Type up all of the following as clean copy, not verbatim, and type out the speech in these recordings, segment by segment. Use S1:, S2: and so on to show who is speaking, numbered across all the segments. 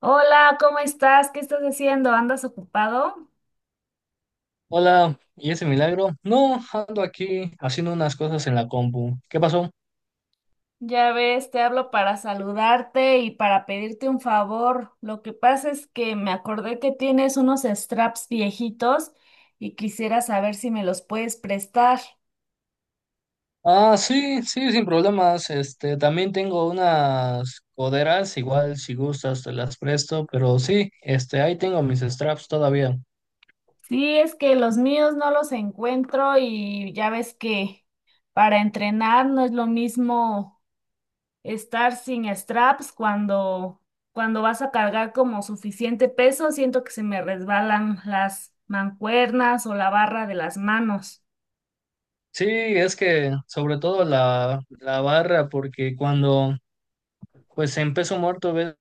S1: Hola, ¿cómo estás? ¿Qué estás haciendo? ¿Andas ocupado?
S2: Hola, ¿y ese milagro? No, ando aquí haciendo unas cosas en la compu. ¿Qué pasó?
S1: Ya ves, te hablo para saludarte y para pedirte un favor. Lo que pasa es que me acordé que tienes unos straps viejitos y quisiera saber si me los puedes prestar.
S2: Ah, sí, sí, sin problemas. También tengo unas coderas, igual si gustas te las presto, pero sí, ahí tengo mis straps todavía.
S1: Sí, es que los míos no los encuentro y ya ves que para entrenar no es lo mismo estar sin straps cuando vas a cargar como suficiente peso, siento que se me resbalan las mancuernas o la barra de las manos.
S2: Sí, es que sobre todo la barra, porque cuando pues en peso muerto ves,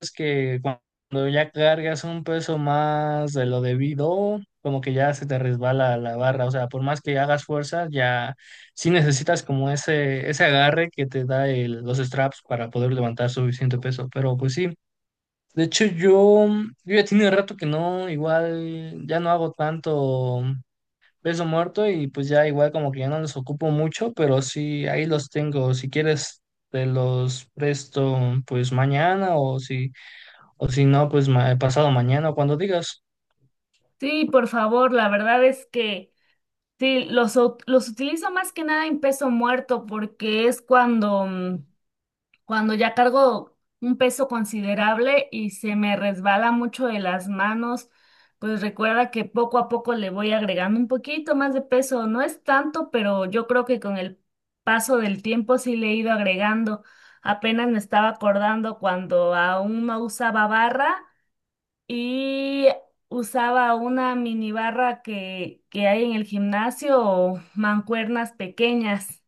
S2: es que cuando ya cargas un peso más de lo debido, como que ya se te resbala la barra, o sea, por más que hagas fuerza, ya sí necesitas como ese agarre que te da los straps para poder levantar suficiente peso, pero pues sí. De hecho, yo ya tiene rato que no, igual ya no hago tanto peso muerto y pues ya igual como que ya no los ocupo mucho, pero sí, ahí los tengo. Si quieres, te los presto pues mañana, o si no, pues pasado mañana, cuando digas.
S1: Sí, por favor, la verdad es que sí, los utilizo más que nada en peso muerto porque es cuando ya cargo un peso considerable y se me resbala mucho de las manos, pues recuerda que poco a poco le voy agregando un poquito más de peso. No es tanto, pero yo creo que con el paso del tiempo sí le he ido agregando. Apenas me estaba acordando cuando aún no usaba barra y usaba una mini barra que hay en el gimnasio o mancuernas pequeñas.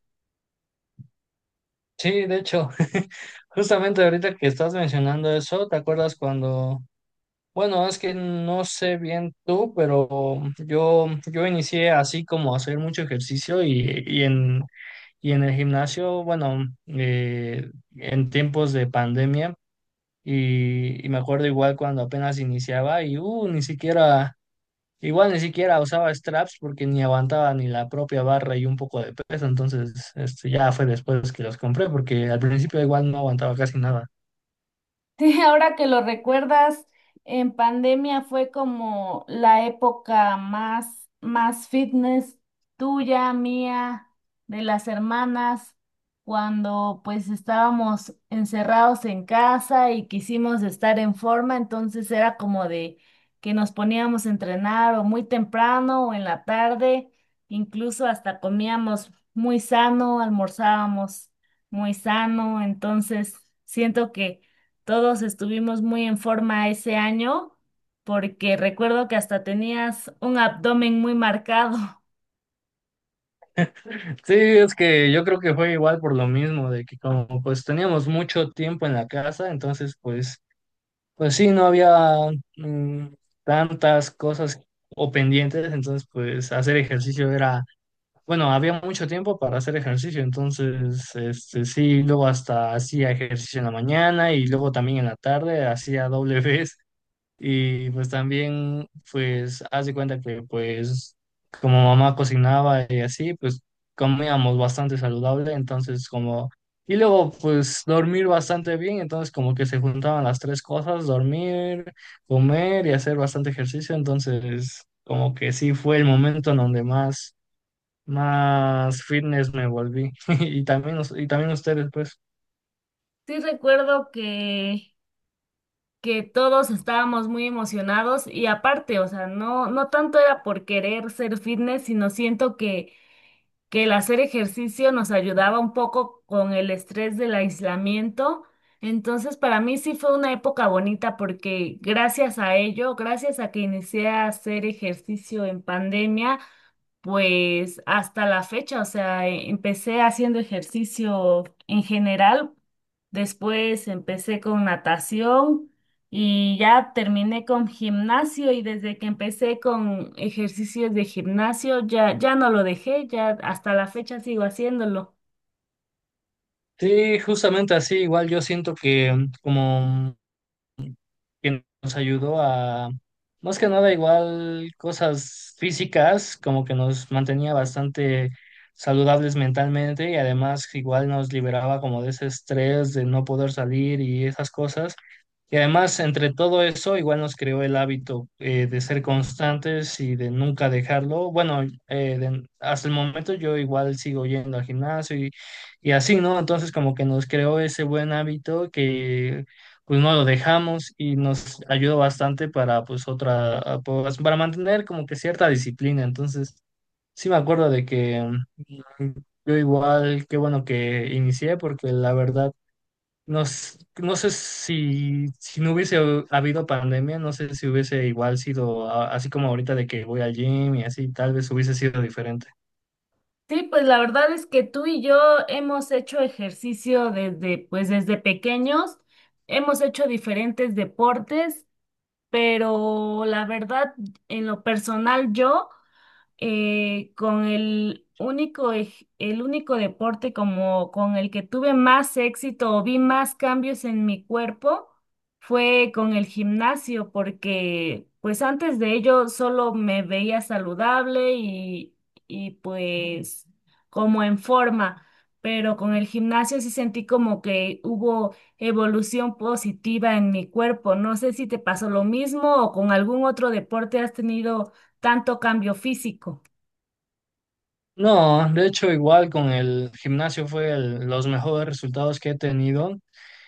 S2: Sí, de hecho, justamente ahorita que estás mencionando eso, ¿te acuerdas cuando... Bueno, es que no sé bien tú, pero yo inicié así como a hacer mucho ejercicio y en el gimnasio, bueno, en tiempos de pandemia, y me acuerdo igual cuando apenas iniciaba y ni siquiera... Igual ni siquiera usaba straps porque ni aguantaba ni la propia barra y un poco de peso, entonces ya fue después que los compré porque al principio igual no aguantaba casi nada.
S1: Sí, ahora que lo recuerdas, en pandemia fue como la época más, más fitness tuya, mía, de las hermanas, cuando pues estábamos encerrados en casa y quisimos estar en forma, entonces era como de que nos poníamos a entrenar o muy temprano o en la tarde, incluso hasta comíamos muy sano, almorzábamos muy sano, entonces siento que todos estuvimos muy en forma ese año porque recuerdo que hasta tenías un abdomen muy marcado.
S2: Sí, es que yo creo que fue igual por lo mismo, de que como pues teníamos mucho tiempo en la casa, entonces pues, pues sí, no había mm, tantas cosas o pendientes, entonces pues hacer ejercicio era... Bueno, había mucho tiempo para hacer ejercicio, entonces, sí, luego hasta hacía ejercicio en la mañana y luego también en la tarde hacía doble vez. Y pues también, pues, haz de cuenta que pues como mamá cocinaba y así, pues comíamos bastante saludable, entonces como, y luego pues dormir bastante bien, entonces como que se juntaban las tres cosas: dormir, comer y hacer bastante ejercicio, entonces como que sí fue el momento en donde más fitness me volví. Y también, y también ustedes, pues.
S1: Sí, recuerdo que todos estábamos muy emocionados y aparte, o sea, no, no tanto era por querer ser fitness, sino siento que el hacer ejercicio nos ayudaba un poco con el estrés del aislamiento. Entonces, para mí sí fue una época bonita porque gracias a ello, gracias a que inicié a hacer ejercicio en pandemia, pues hasta la fecha, o sea, empecé haciendo ejercicio en general, después empecé con natación y ya terminé con gimnasio y desde que empecé con ejercicios de gimnasio ya no lo dejé, ya hasta la fecha sigo haciéndolo.
S2: Sí, justamente así, igual yo siento que como que nos ayudó a, más que nada igual cosas físicas, como que nos mantenía bastante saludables mentalmente y además igual nos liberaba como de ese estrés de no poder salir y esas cosas. Y además, entre todo eso, igual nos creó el hábito de ser constantes y de nunca dejarlo. Bueno, hasta el momento yo igual sigo yendo al gimnasio y así, ¿no? Entonces, como que nos creó ese buen hábito que pues no lo dejamos y nos ayudó bastante para pues pues, para mantener como que cierta disciplina. Entonces, sí me acuerdo de que mm, yo igual, qué bueno que inicié porque la verdad no, no sé si, si no hubiese habido pandemia, no sé si hubiese igual sido así como ahorita de que voy al gym y así, tal vez hubiese sido diferente.
S1: Sí, pues la verdad es que tú y yo hemos hecho ejercicio pues desde pequeños, hemos hecho diferentes deportes. Pero la verdad, en lo personal, yo, con el único deporte como con el que tuve más éxito o vi más cambios en mi cuerpo fue con el gimnasio, porque pues antes de ello solo me veía saludable y pues como en forma. Pero con el gimnasio sí sentí como que hubo evolución positiva en mi cuerpo. No sé si te pasó lo mismo o con algún otro deporte has tenido tanto cambio físico.
S2: No, de hecho igual con el gimnasio fue los mejores resultados que he tenido.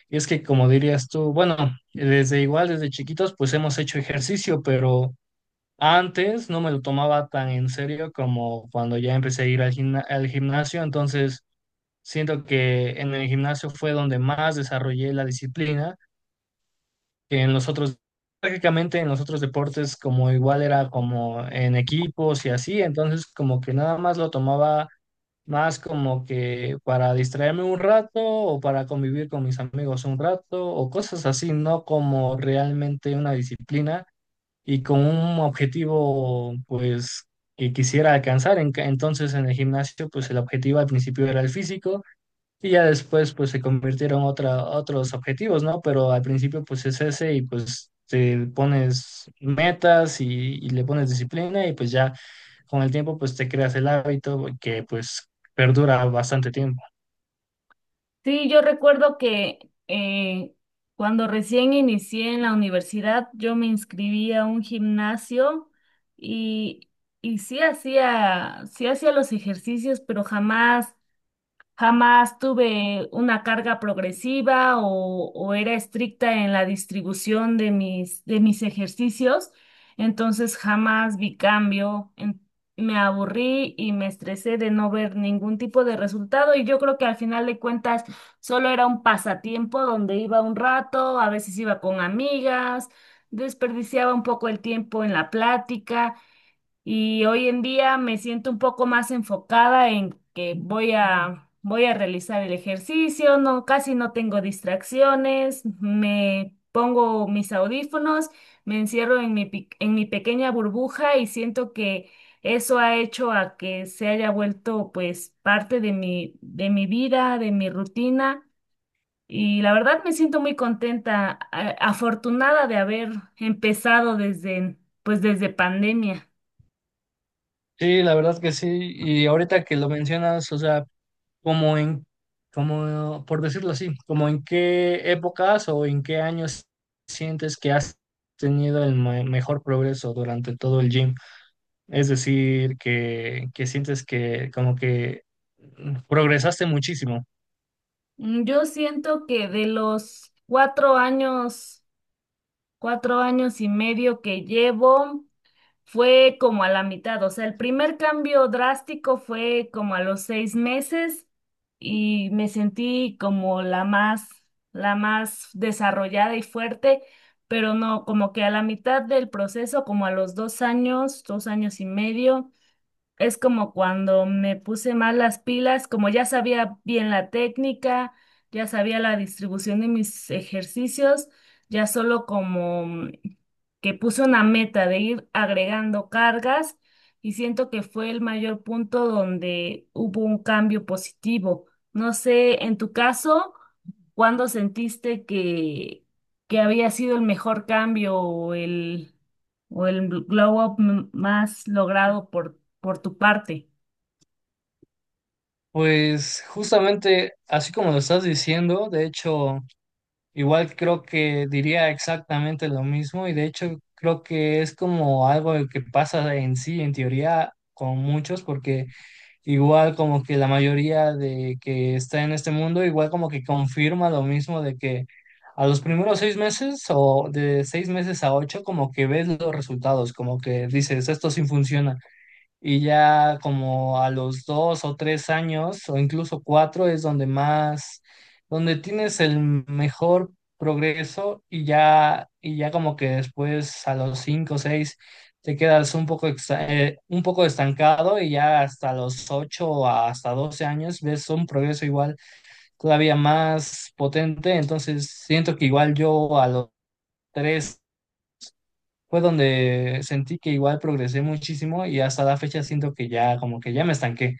S2: Y es que como dirías tú, bueno, desde igual, desde chiquitos, pues hemos hecho ejercicio, pero antes no me lo tomaba tan en serio como cuando ya empecé a ir al al gimnasio, entonces... Siento que en el gimnasio fue donde más desarrollé la disciplina, que en los otros, prácticamente en los otros deportes como igual era como en equipos y así, entonces como que nada más lo tomaba más como que para distraerme un rato o para convivir con mis amigos un rato o cosas así, no como realmente una disciplina y con un objetivo pues que quisiera alcanzar. Entonces en el gimnasio pues el objetivo al principio era el físico. Y ya después pues se convirtieron otros objetivos, ¿no? Pero al principio pues es ese y pues te pones metas y le pones disciplina y pues ya con el tiempo pues te creas el hábito que pues perdura bastante tiempo.
S1: Sí, yo recuerdo que eh, cuando recién inicié en la universidad, yo me inscribí a un gimnasio y, y sí hacía los ejercicios, pero jamás jamás tuve una carga progresiva o era estricta en la distribución de de mis ejercicios, entonces jamás vi cambio. Me aburrí y me estresé de no ver ningún tipo de resultado y yo creo que al final de cuentas solo era un pasatiempo donde iba un rato, a veces iba con amigas, desperdiciaba un poco el tiempo en la plática y hoy en día me siento un poco más enfocada en que voy a realizar el ejercicio, no, casi no tengo distracciones, me pongo mis audífonos, me encierro en en mi pequeña burbuja y siento que eso ha hecho a que se haya vuelto pues parte de de mi vida, de mi rutina. Y la verdad me siento muy contenta, afortunada de haber empezado pues desde pandemia.
S2: Sí, la verdad que sí. Y ahorita que lo mencionas, o sea, como en, como, por decirlo así, como en qué épocas o en qué años sientes que has tenido el mejor progreso durante todo el gym. Es decir, que sientes que como que progresaste muchísimo.
S1: Yo siento que de los 4 años, 4 años y medio que llevo, fue como a la mitad. O sea, el primer cambio drástico fue como a los 6 meses y me sentí como la más desarrollada y fuerte, pero no, como que a la mitad del proceso, como a los 2 años, 2 años y medio. Es como cuando me puse mal las pilas, como ya sabía bien la técnica, ya sabía la distribución de mis ejercicios, ya solo como que puse una meta de ir agregando cargas y siento que fue el mayor punto donde hubo un cambio positivo. No sé, en tu caso, ¿cuándo sentiste que había sido el mejor cambio o o el glow up más logrado por ti? ¿Por tu parte?
S2: Pues justamente así como lo estás diciendo, de hecho, igual creo que diría exactamente lo mismo y de hecho creo que es como algo que pasa en sí, en teoría, con muchos, porque... igual como que la mayoría de que está en este mundo, igual como que confirma lo mismo de que a los primeros 6 meses o de 6 meses a ocho, como que ves los resultados, como que dices, esto sí funciona. Y ya como a los 2 o 3 años, o incluso cuatro, es donde más, donde tienes el mejor progreso y ya como que después a los cinco o seis te quedas un poco, un poco estancado y ya hasta los ocho o hasta 12 años ves un progreso igual todavía más potente. Entonces siento que igual yo a los tres fue donde sentí que igual progresé muchísimo y hasta la fecha siento que ya como que ya me estanqué,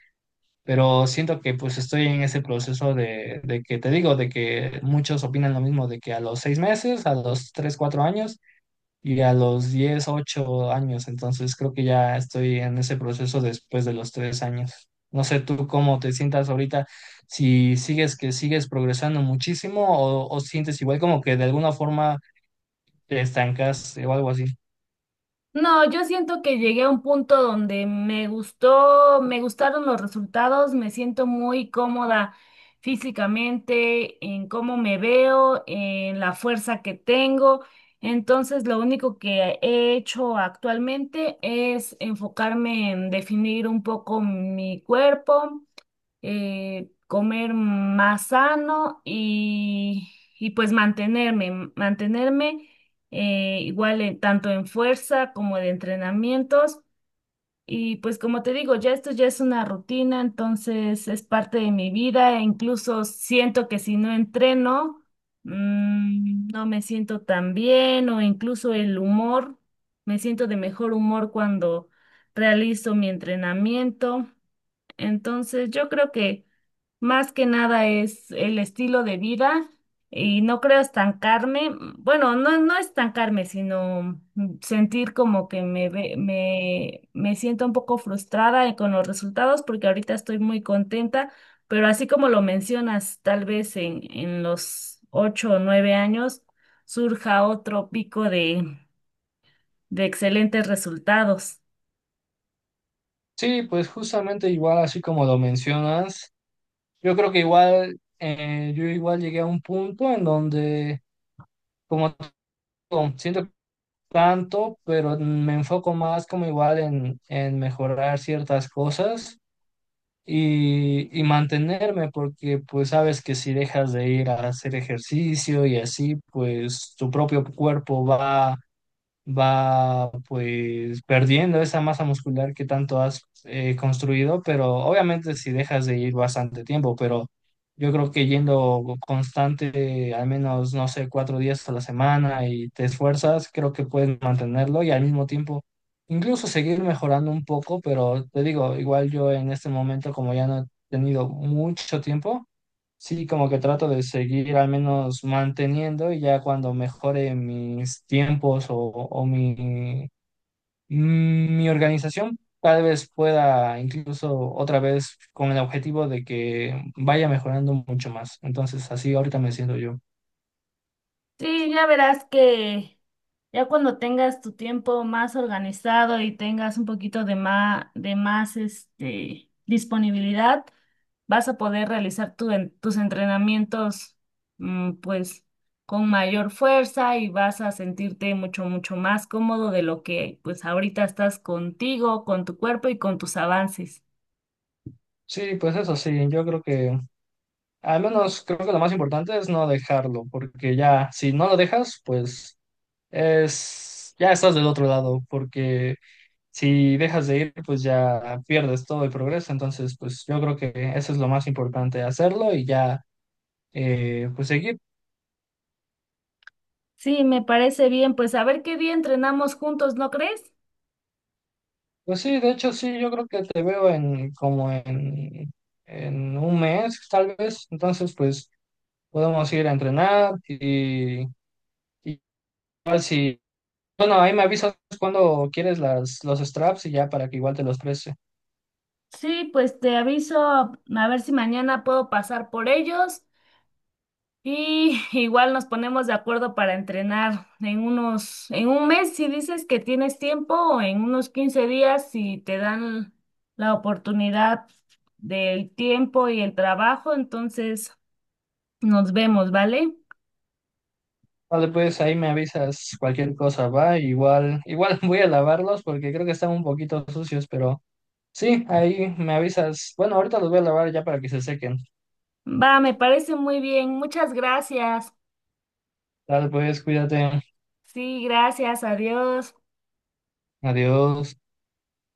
S2: pero siento que pues estoy en ese proceso de que te digo, de que muchos opinan lo mismo, de que a los 6 meses, a los 3, 4 años y a los 10, 8 años, entonces creo que ya estoy en ese proceso después de los 3 años. No sé tú cómo te sientas ahorita, si sigues que sigues progresando muchísimo o sientes igual como que de alguna forma te estancas o algo así.
S1: No, yo siento que llegué a un punto donde me gustaron los resultados, me siento muy cómoda físicamente, en cómo me veo, en la fuerza que tengo. Entonces, lo único que he hecho actualmente es enfocarme en definir un poco mi cuerpo, comer más sano y pues mantenerme, igual, tanto en fuerza como de entrenamientos. Y pues como te digo, ya esto ya es una rutina, entonces es parte de mi vida e incluso siento que si no entreno, no me siento tan bien o incluso el humor, me siento de mejor humor cuando realizo mi entrenamiento. Entonces yo creo que más que nada es el estilo de vida y no creo estancarme, bueno, no, no estancarme, sino sentir como que me siento un poco frustrada con los resultados porque ahorita estoy muy contenta, pero así como lo mencionas, tal vez en los 8 o 9 años surja otro pico de excelentes resultados.
S2: Sí, pues justamente igual así como lo mencionas, yo creo que igual, yo igual llegué a un punto en donde, como te digo, siento tanto, pero me enfoco más como igual en mejorar ciertas cosas y mantenerme, porque pues sabes que si dejas de ir a hacer ejercicio y así, pues tu propio cuerpo va pues perdiendo esa masa muscular que tanto has construido, pero obviamente si dejas de ir bastante tiempo, pero yo creo que yendo constante, al menos, no sé, 4 días a la semana y te esfuerzas, creo que puedes mantenerlo y al mismo tiempo incluso seguir mejorando un poco, pero te digo, igual yo en este momento como ya no he tenido mucho tiempo, sí, como que trato de seguir al menos manteniendo y ya cuando mejore mis tiempos o mi organización, tal vez pueda incluso otra vez con el objetivo de que vaya mejorando mucho más. Entonces, así ahorita me siento yo.
S1: Sí, ya verás que ya cuando tengas tu tiempo más organizado y tengas un poquito de de más disponibilidad, vas a poder realizar tus entrenamientos, pues con mayor fuerza y vas a sentirte mucho, mucho más cómodo de lo que pues ahorita estás contigo, con tu cuerpo y con tus avances.
S2: Sí, pues eso sí, yo creo que al menos creo que lo más importante es no dejarlo, porque ya si no lo dejas, pues es ya estás del otro lado, porque si dejas de ir, pues ya pierdes todo el progreso. Entonces, pues yo creo que eso es lo más importante, hacerlo y ya, pues seguir.
S1: Sí, me parece bien, pues a ver qué día entrenamos juntos, ¿no crees?
S2: Pues sí, de hecho, sí, yo creo que te veo en en 1 mes, tal vez. Entonces, pues podemos ir a entrenar y igual si, bueno, ahí me avisas cuando quieres los straps y ya para que igual te los preste.
S1: Sí, pues te aviso a ver si mañana puedo pasar por ellos y igual nos ponemos de acuerdo para entrenar en en un mes si dices que tienes tiempo o en unos 15 días si te dan la oportunidad del tiempo y el trabajo, entonces nos vemos, ¿vale?
S2: Vale, pues ahí me avisas cualquier cosa, va. Igual, igual voy a lavarlos porque creo que están un poquito sucios, pero... Sí, ahí me avisas. Bueno, ahorita los voy a lavar ya para que se sequen.
S1: Va, me parece muy bien. Muchas gracias.
S2: Dale, pues, cuídate.
S1: Sí, gracias. Adiós.
S2: Adiós.